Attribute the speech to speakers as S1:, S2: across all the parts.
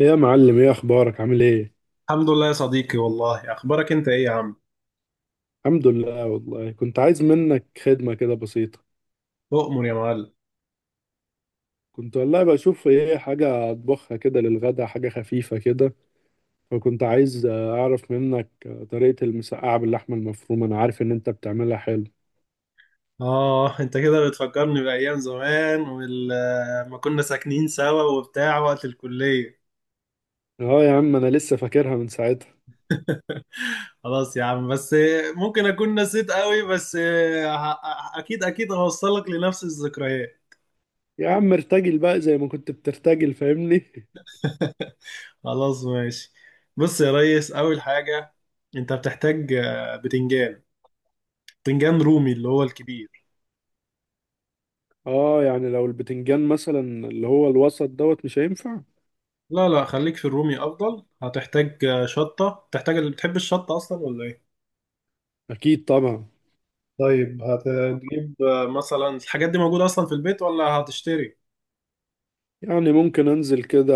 S1: إيه يا معلم، ايه اخبارك، عامل ايه؟
S2: الحمد لله يا صديقي، والله اخبارك انت ايه يا عم؟
S1: الحمد لله والله، كنت عايز منك خدمة كده بسيطة.
S2: اؤمر يا معلم.
S1: كنت والله بشوف ايه، حاجة اطبخها كده للغدا، حاجة خفيفة كده. فكنت عايز اعرف منك طريقة المسقعة باللحمة المفرومة. انا عارف ان انت بتعملها حلو.
S2: اه، انت كده بتفكرني بايام زمان ولما كنا ساكنين سوا وبتاع وقت الكليه.
S1: اه يا عم، انا لسه فاكرها من ساعتها.
S2: خلاص يا عم بس. ممكن اكون نسيت قوي بس اكيد اكيد هوصلك لنفس الذكريات.
S1: يا عم ارتجل بقى زي ما كنت بترتجل، فاهمني.
S2: خلاص، ماشي. بص يا ريس، اول حاجه انت بتحتاج بتنجان. بتنجان رومي اللي هو الكبير.
S1: اه، يعني لو البتنجان مثلا اللي هو الوسط دوت مش هينفع؟
S2: لا لا، خليك في الرومي افضل. هتحتاج شطه، بتحتاج اللي بتحب الشطه اصلا ولا ايه؟
S1: اكيد طبعا.
S2: طيب، هتجيب مثلا الحاجات دي موجودة أصلا في البيت ولا هتشتري؟
S1: يعني ممكن انزل كده،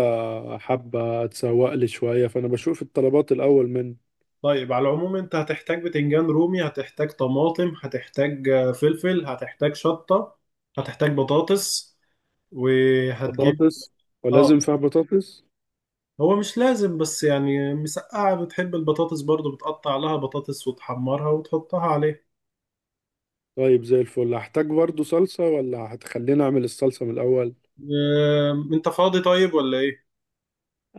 S1: حبة اتسوق لي شوية، فانا بشوف الطلبات الاول من.
S2: طيب، على العموم أنت هتحتاج بتنجان رومي، هتحتاج طماطم، هتحتاج فلفل، هتحتاج شطة. هتحتاج بطاطس. وهتجيب.
S1: بطاطس؟ ولازم
S2: آه.
S1: فيها بطاطس؟
S2: هو مش لازم بس يعني مسقعة، بتحب البطاطس برضو بتقطع لها بطاطس وتحمرها وتحطها عليه.
S1: طيب زي الفل. هحتاج برضو صلصة ولا هتخليني اعمل الصلصة من الاول؟
S2: آه، أنت فاضي طيب ولا إيه؟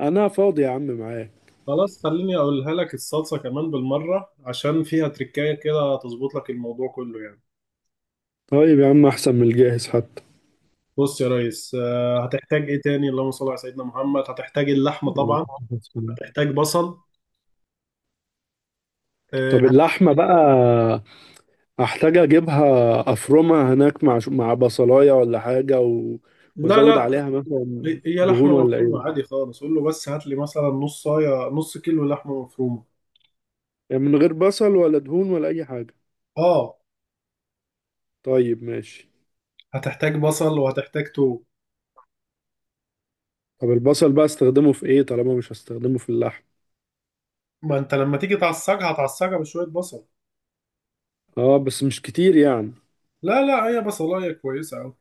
S1: انا فاضي يا عم، معايا.
S2: خلاص، خليني أقولها لك. الصلصة كمان بالمرة عشان فيها تركاية كده تظبط لك الموضوع كله يعني.
S1: طيب يا عم، احسن من الجاهز حتى.
S2: بص يا ريس، هتحتاج ايه تاني؟ اللهم صل على سيدنا محمد. هتحتاج اللحمه طبعا. هتحتاج بصل. آه،
S1: طب
S2: هت-
S1: اللحمة بقى، هحتاج اجيبها افرمها هناك مع بصلاية ولا حاجة
S2: لا
S1: وازود
S2: لا،
S1: عليها مثلا
S2: هي
S1: دهون
S2: لحمه
S1: ولا
S2: مفرومه
S1: ايه؟
S2: عادي خالص، قول له بس هات لي مثلا نص صايه نص كيلو لحمه مفرومه.
S1: يعني من غير بصل ولا دهون ولا اي حاجة؟
S2: اه.
S1: طيب ماشي.
S2: هتحتاج بصل وهتحتاج توم.
S1: طب البصل بقى استخدمه في ايه طالما مش هستخدمه في اللحم؟
S2: ما انت لما تيجي تعصجها هتعصجها بشويه بصل.
S1: اه، بس مش كتير يعني.
S2: لا لا، هي بصلايه كويسه قوي.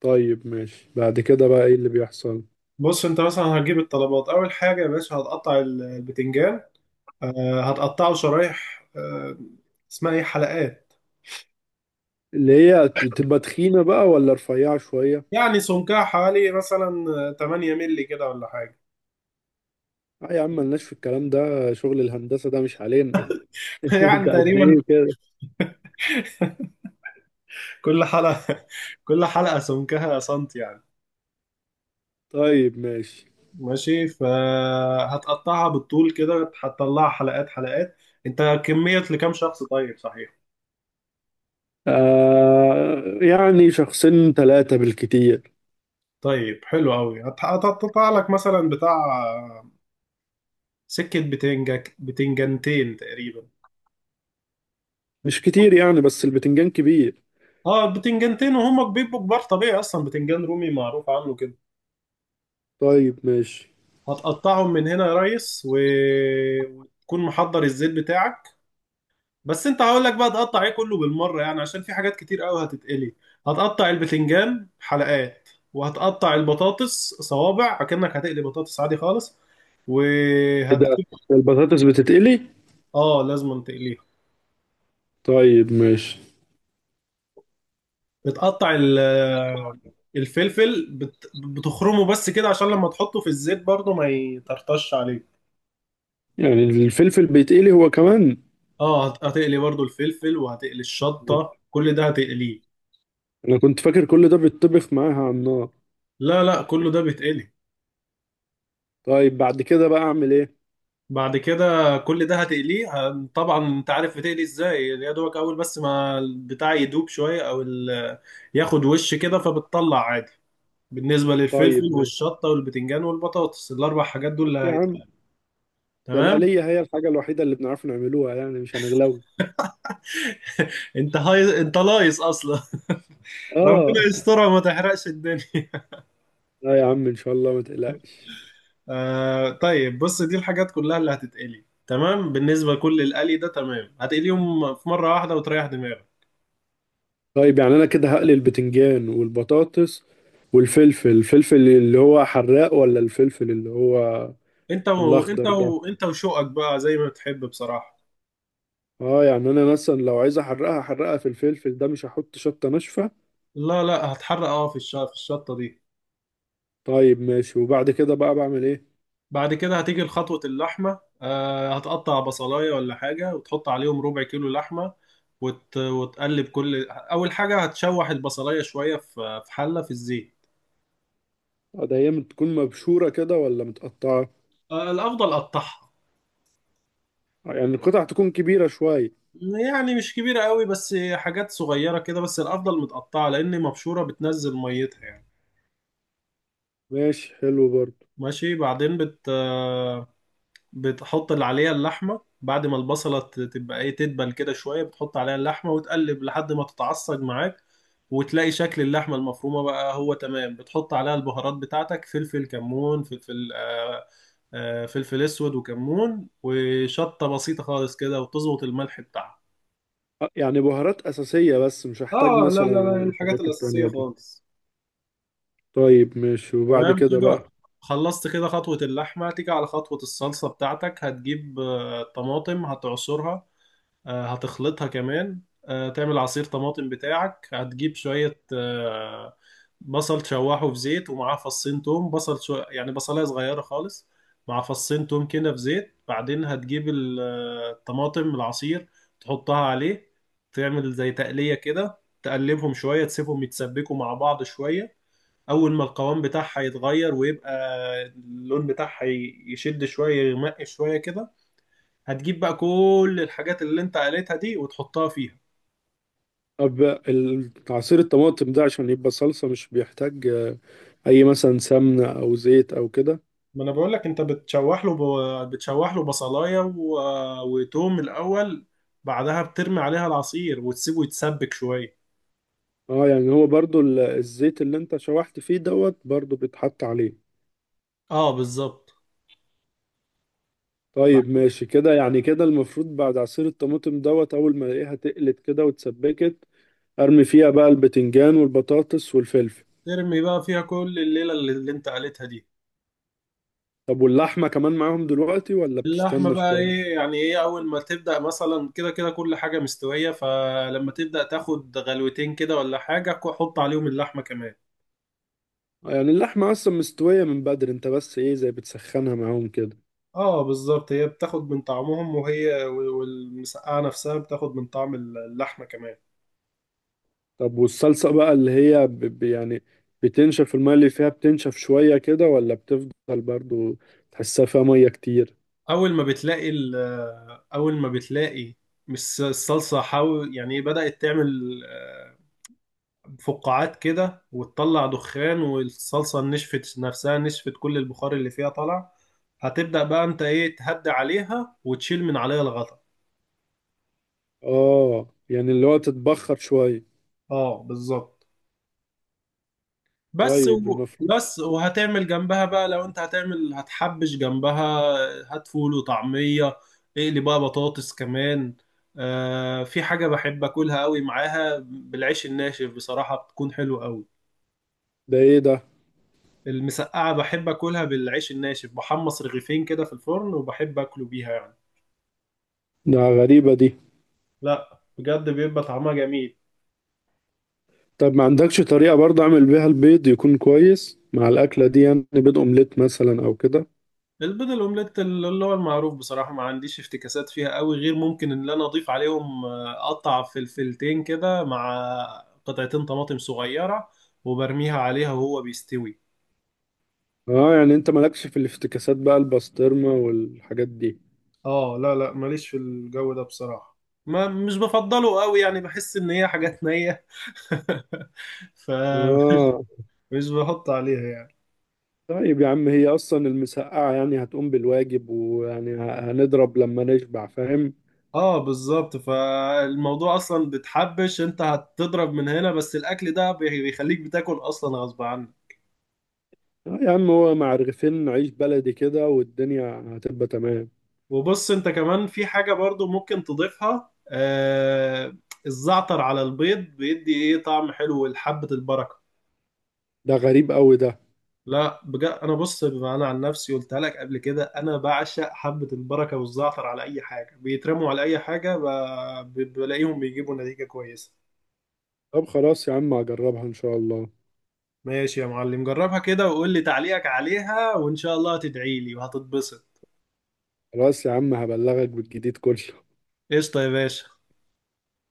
S1: طيب ماشي. بعد كده بقى ايه اللي بيحصل؟
S2: بص انت مثلا هتجيب الطلبات، اول حاجه يا باشا هتقطع البتنجان. هتقطعه شرايح اسمها ايه؟ حلقات.
S1: اللي هي تبقى تخينة بقى ولا رفيعة شوية؟
S2: يعني سمكها حوالي مثلا 8 مللي كده ولا حاجة.
S1: اه يا عم، ملناش في الكلام ده، شغل الهندسة ده مش علينا.
S2: يعني
S1: ده قد
S2: تقريبا،
S1: ايه كده؟
S2: كل حلقة كل حلقة سمكها سنتي يعني.
S1: طيب ماشي.
S2: ماشي، فهتقطعها بالطول كده هتطلعها حلقات حلقات. انت كمية لكام شخص طيب، صحيح؟
S1: آه، يعني شخصين ثلاثة بالكتير.
S2: طيب حلو قوي. هتقطع لك مثلا بتاع سكة بتنجنتين تقريبا.
S1: مش كتير يعني، بس البتنجان كبير.
S2: اه، البتنجنتين وهم بيبقوا كبار طبيعي، اصلا بتنجان رومي معروف عنه كده.
S1: طيب ماشي.
S2: هتقطعهم من هنا يا ريس وتكون محضر الزيت بتاعك. بس انت هقول لك بقى تقطع ايه كله بالمره، يعني عشان في حاجات كتير قوي هتتقلي. هتقطع البتنجان حلقات، وهتقطع البطاطس صوابع اكنك هتقلي بطاطس عادي خالص.
S1: ايه ده؟
S2: وهتجيب.
S1: البطاطس بتتقلي؟
S2: اه، لازم تقليها.
S1: طيب ماشي.
S2: بتقطع الفلفل بتخرمه بس كده عشان لما تحطه في الزيت برضه ما يطرطش عليك.
S1: يعني الفلفل بيتقلي هو كمان؟
S2: اه، هتقلي برضو الفلفل وهتقلي الشطة، كل ده هتقليه.
S1: انا كنت فاكر كل ده بيتطبخ معاها على النار.
S2: لا لا، كله ده بيتقلي.
S1: طيب بعد كده بقى اعمل ايه؟
S2: بعد كده كل ده هتقليه. طبعا انت عارف بتقلي ازاي، يا دوبك اول بس ما البتاع يدوب شويه ياخد وش كده فبتطلع عادي. بالنسبه للفلفل
S1: طيب ماشي.
S2: والشطه والبتنجان والبطاطس، الاربع حاجات دول اللي
S1: يا عم،
S2: هيتقلوا.
S1: ده
S2: تمام.
S1: الآلية هي الحاجة الوحيدة اللي بنعرف نعملوها، يعني مش هنغلو.
S2: انت هاي انت لايص اصلا. ربنا
S1: اه.
S2: يسترها وما تحرقش الدنيا.
S1: لا يا عم، ان شاء الله ما تقلقش.
S2: آه طيب، بص دي الحاجات كلها اللي هتتقلي، تمام؟ بالنسبه لكل القلي ده، تمام، هتقليهم في مره واحده وتريح دماغك.
S1: طيب يعني انا كده هقلي البتنجان والبطاطس والفلفل. الفلفل اللي هو حراق ولا الفلفل اللي هو الاخضر ده؟
S2: انت وشوقك بقى زي ما بتحب بصراحة.
S1: اه، يعني انا مثلا لو عايز احرقها احرقها في الفلفل ده، مش هحط شطة ناشفة؟
S2: لا لا، هتحرق اه في في الشطة دي.
S1: طيب ماشي. وبعد كده بقى بعمل ايه؟
S2: بعد كده هتيجي لخطوة اللحمة، هتقطع بصلاية ولا حاجة وتحط عليهم ربع كيلو لحمة وتقلب. كل أول حاجة هتشوح البصلاية شوية في حلة في الزيت.
S1: ده هي بتكون مبشورة كده ولا متقطعة؟
S2: آه، الأفضل قطعها.
S1: يعني القطع تكون كبيرة شوية؟
S2: يعني مش كبيرة قوي بس حاجات صغيرة كده، بس الأفضل متقطعة لأن مبشورة بتنزل ميتها يعني.
S1: ماشي، حلو برضه.
S2: ماشي. بعدين بتحط اللي عليها اللحمة بعد ما البصلة تبقى ايه تدبل كده شوية، بتحط عليها اللحمة وتقلب لحد ما تتعصج معاك. وتلاقي شكل اللحمة المفرومة بقى هو تمام، بتحط عليها البهارات بتاعتك: فلفل، كمون، فلفل فلفل اسود وكمون وشطة بسيطة خالص كده، وتظبط الملح بتاعها.
S1: يعني بهارات أساسية بس، مش هحتاج
S2: اه لا
S1: مثلا
S2: لا لا، الحاجات
S1: الحاجات
S2: الأساسية
S1: التانية دي؟
S2: خالص.
S1: طيب ماشي. وبعد
S2: تمام
S1: كده بقى،
S2: كده، خلصت كده خطوة اللحمة. تيجي على خطوة الصلصة بتاعتك، هتجيب طماطم هتعصرها، هتخلطها كمان، تعمل عصير طماطم بتاعك. هتجيب شوية بصل تشوحه في زيت ومعاه فصين توم، يعني بصلاية صغيرة خالص مع فصين توم كده في زيت. بعدين هتجيب الطماطم، العصير تحطها عليه. تعمل زي تقلية كده، تقلبهم شوية تسيبهم يتسبكوا مع بعض شوية. أول ما القوام بتاعها يتغير ويبقى اللون بتاعها يشد شوية يغمق شوية كده، هتجيب بقى كل الحاجات اللي انت قالتها دي وتحطها فيها.
S1: طب عصير الطماطم ده عشان يبقى صلصة مش بيحتاج أي مثلا سمنة أو زيت أو كده؟
S2: ما انا بقول لك انت بتشوح له. بتشوح له بصلايه وتوم الاول. بعدها بترمي عليها العصير وتسيبه يتسبك شويه.
S1: اه، يعني هو برضه الزيت اللي انت شوحت فيه دوت برضه بيتحط عليه؟
S2: اه بالظبط. بعد
S1: طيب ماشي كده. يعني كده المفروض بعد عصير الطماطم دوت أول ما ألاقيها تقلت كده واتسبكت، أرمي فيها بقى البتنجان والبطاطس والفلفل؟
S2: ترمي بقى فيها كل الليله اللي انت قالتها دي.
S1: طب واللحمة كمان معاهم دلوقتي ولا
S2: اللحمه
S1: بتستنى
S2: بقى
S1: شوية؟
S2: ايه؟ يعني ايه، اول ما تبدا مثلا كده كده كل حاجه مستويه، فلما تبدا تاخد غلوتين كده ولا حاجه، حط عليهم اللحمه كمان.
S1: يعني اللحمة أصلا مستوية من بدري، أنت بس إيه، زي بتسخنها معاهم كده؟
S2: اه بالظبط، هي بتاخد من طعمهم وهي، والمسقعة نفسها بتاخد من طعم اللحمة كمان.
S1: طب والصلصة بقى اللي هي يعني بتنشف المية اللي فيها، بتنشف شوية كده ولا بتفضل برضو تحسها فيها مية كتير؟
S2: اول ما بتلاقي ال- اول ما بتلاقي الصلصة، حاول يعني إيه، بدأت تعمل فقاعات كده وتطلع دخان، والصلصة نشفت نفسها، نشفت كل البخار اللي فيها طلع. هتبدأ بقى انت ايه تهدي عليها وتشيل من عليها الغطا.
S1: آه، يعني اللي هو تتبخر شوية.
S2: اه بالظبط.
S1: طيب، المفروض.
S2: بس وهتعمل جنبها بقى، لو انت هتعمل هتحبش جنبها. هات فول وطعمية، اقلي بقى بطاطس كمان. آه في حاجة بحب اكلها قوي معاها بالعيش الناشف بصراحة، بتكون حلوة قوي.
S1: ده إيه ده؟
S2: المسقعة بحب اكلها بالعيش الناشف، بحمص رغيفين كده في الفرن وبحب اكله بيها يعني.
S1: ده غريبة دي.
S2: لا بجد، بيبقى طعمها جميل.
S1: طب ما عندكش طريقة برضه أعمل بيها البيض يكون كويس مع الأكلة دي؟ يعني بيض أومليت مثلا أو كده؟
S2: البيض الاومليت اللي هو المعروف بصراحه ما عنديش افتكاسات فيها قوي، غير ممكن ان انا اضيف عليهم اقطع فلفلتين كده مع قطعتين طماطم صغيره وبرميها عليها وهو بيستوي.
S1: اه، يعني انت مالكش في الافتكاسات بقى، البسطرمة والحاجات دي؟
S2: اه لا لا، ماليش في الجو ده بصراحة. ما مش بفضله قوي، يعني بحس ان هي حاجات نية. ف
S1: اه.
S2: مش بحط عليها يعني.
S1: طيب يا عم، هي اصلا المسقعة يعني هتقوم بالواجب، ويعني هنضرب لما نشبع، فاهم؟
S2: اه بالظبط، فالموضوع اصلا بتحبش، انت هتضرب من هنا، بس الاكل ده بيخليك بتاكل اصلا غصب عنك.
S1: اه يا عم، هو مع رغيفين عيش بلدي كده والدنيا هتبقى تمام.
S2: وبص انت كمان في حاجة برضو ممكن تضيفها، الزعتر على البيض بيدي ايه طعم حلو لحبة البركة.
S1: ده غريب قوي ده.
S2: لا بجد، انا بص، بما انا عن نفسي قلتها لك قبل كده، انا بعشق حبة البركة والزعتر على اي حاجة، بيترموا على اي حاجة بلاقيهم بيجيبوا نتيجة كويسة.
S1: طب خلاص يا عم، هجربها ان شاء الله.
S2: ماشي يا معلم، جربها كده وقول لي تعليقك عليها، وان شاء الله هتدعي لي وهتتبسط.
S1: خلاص يا عم، هبلغك بالجديد كله.
S2: قشطة يا باشا.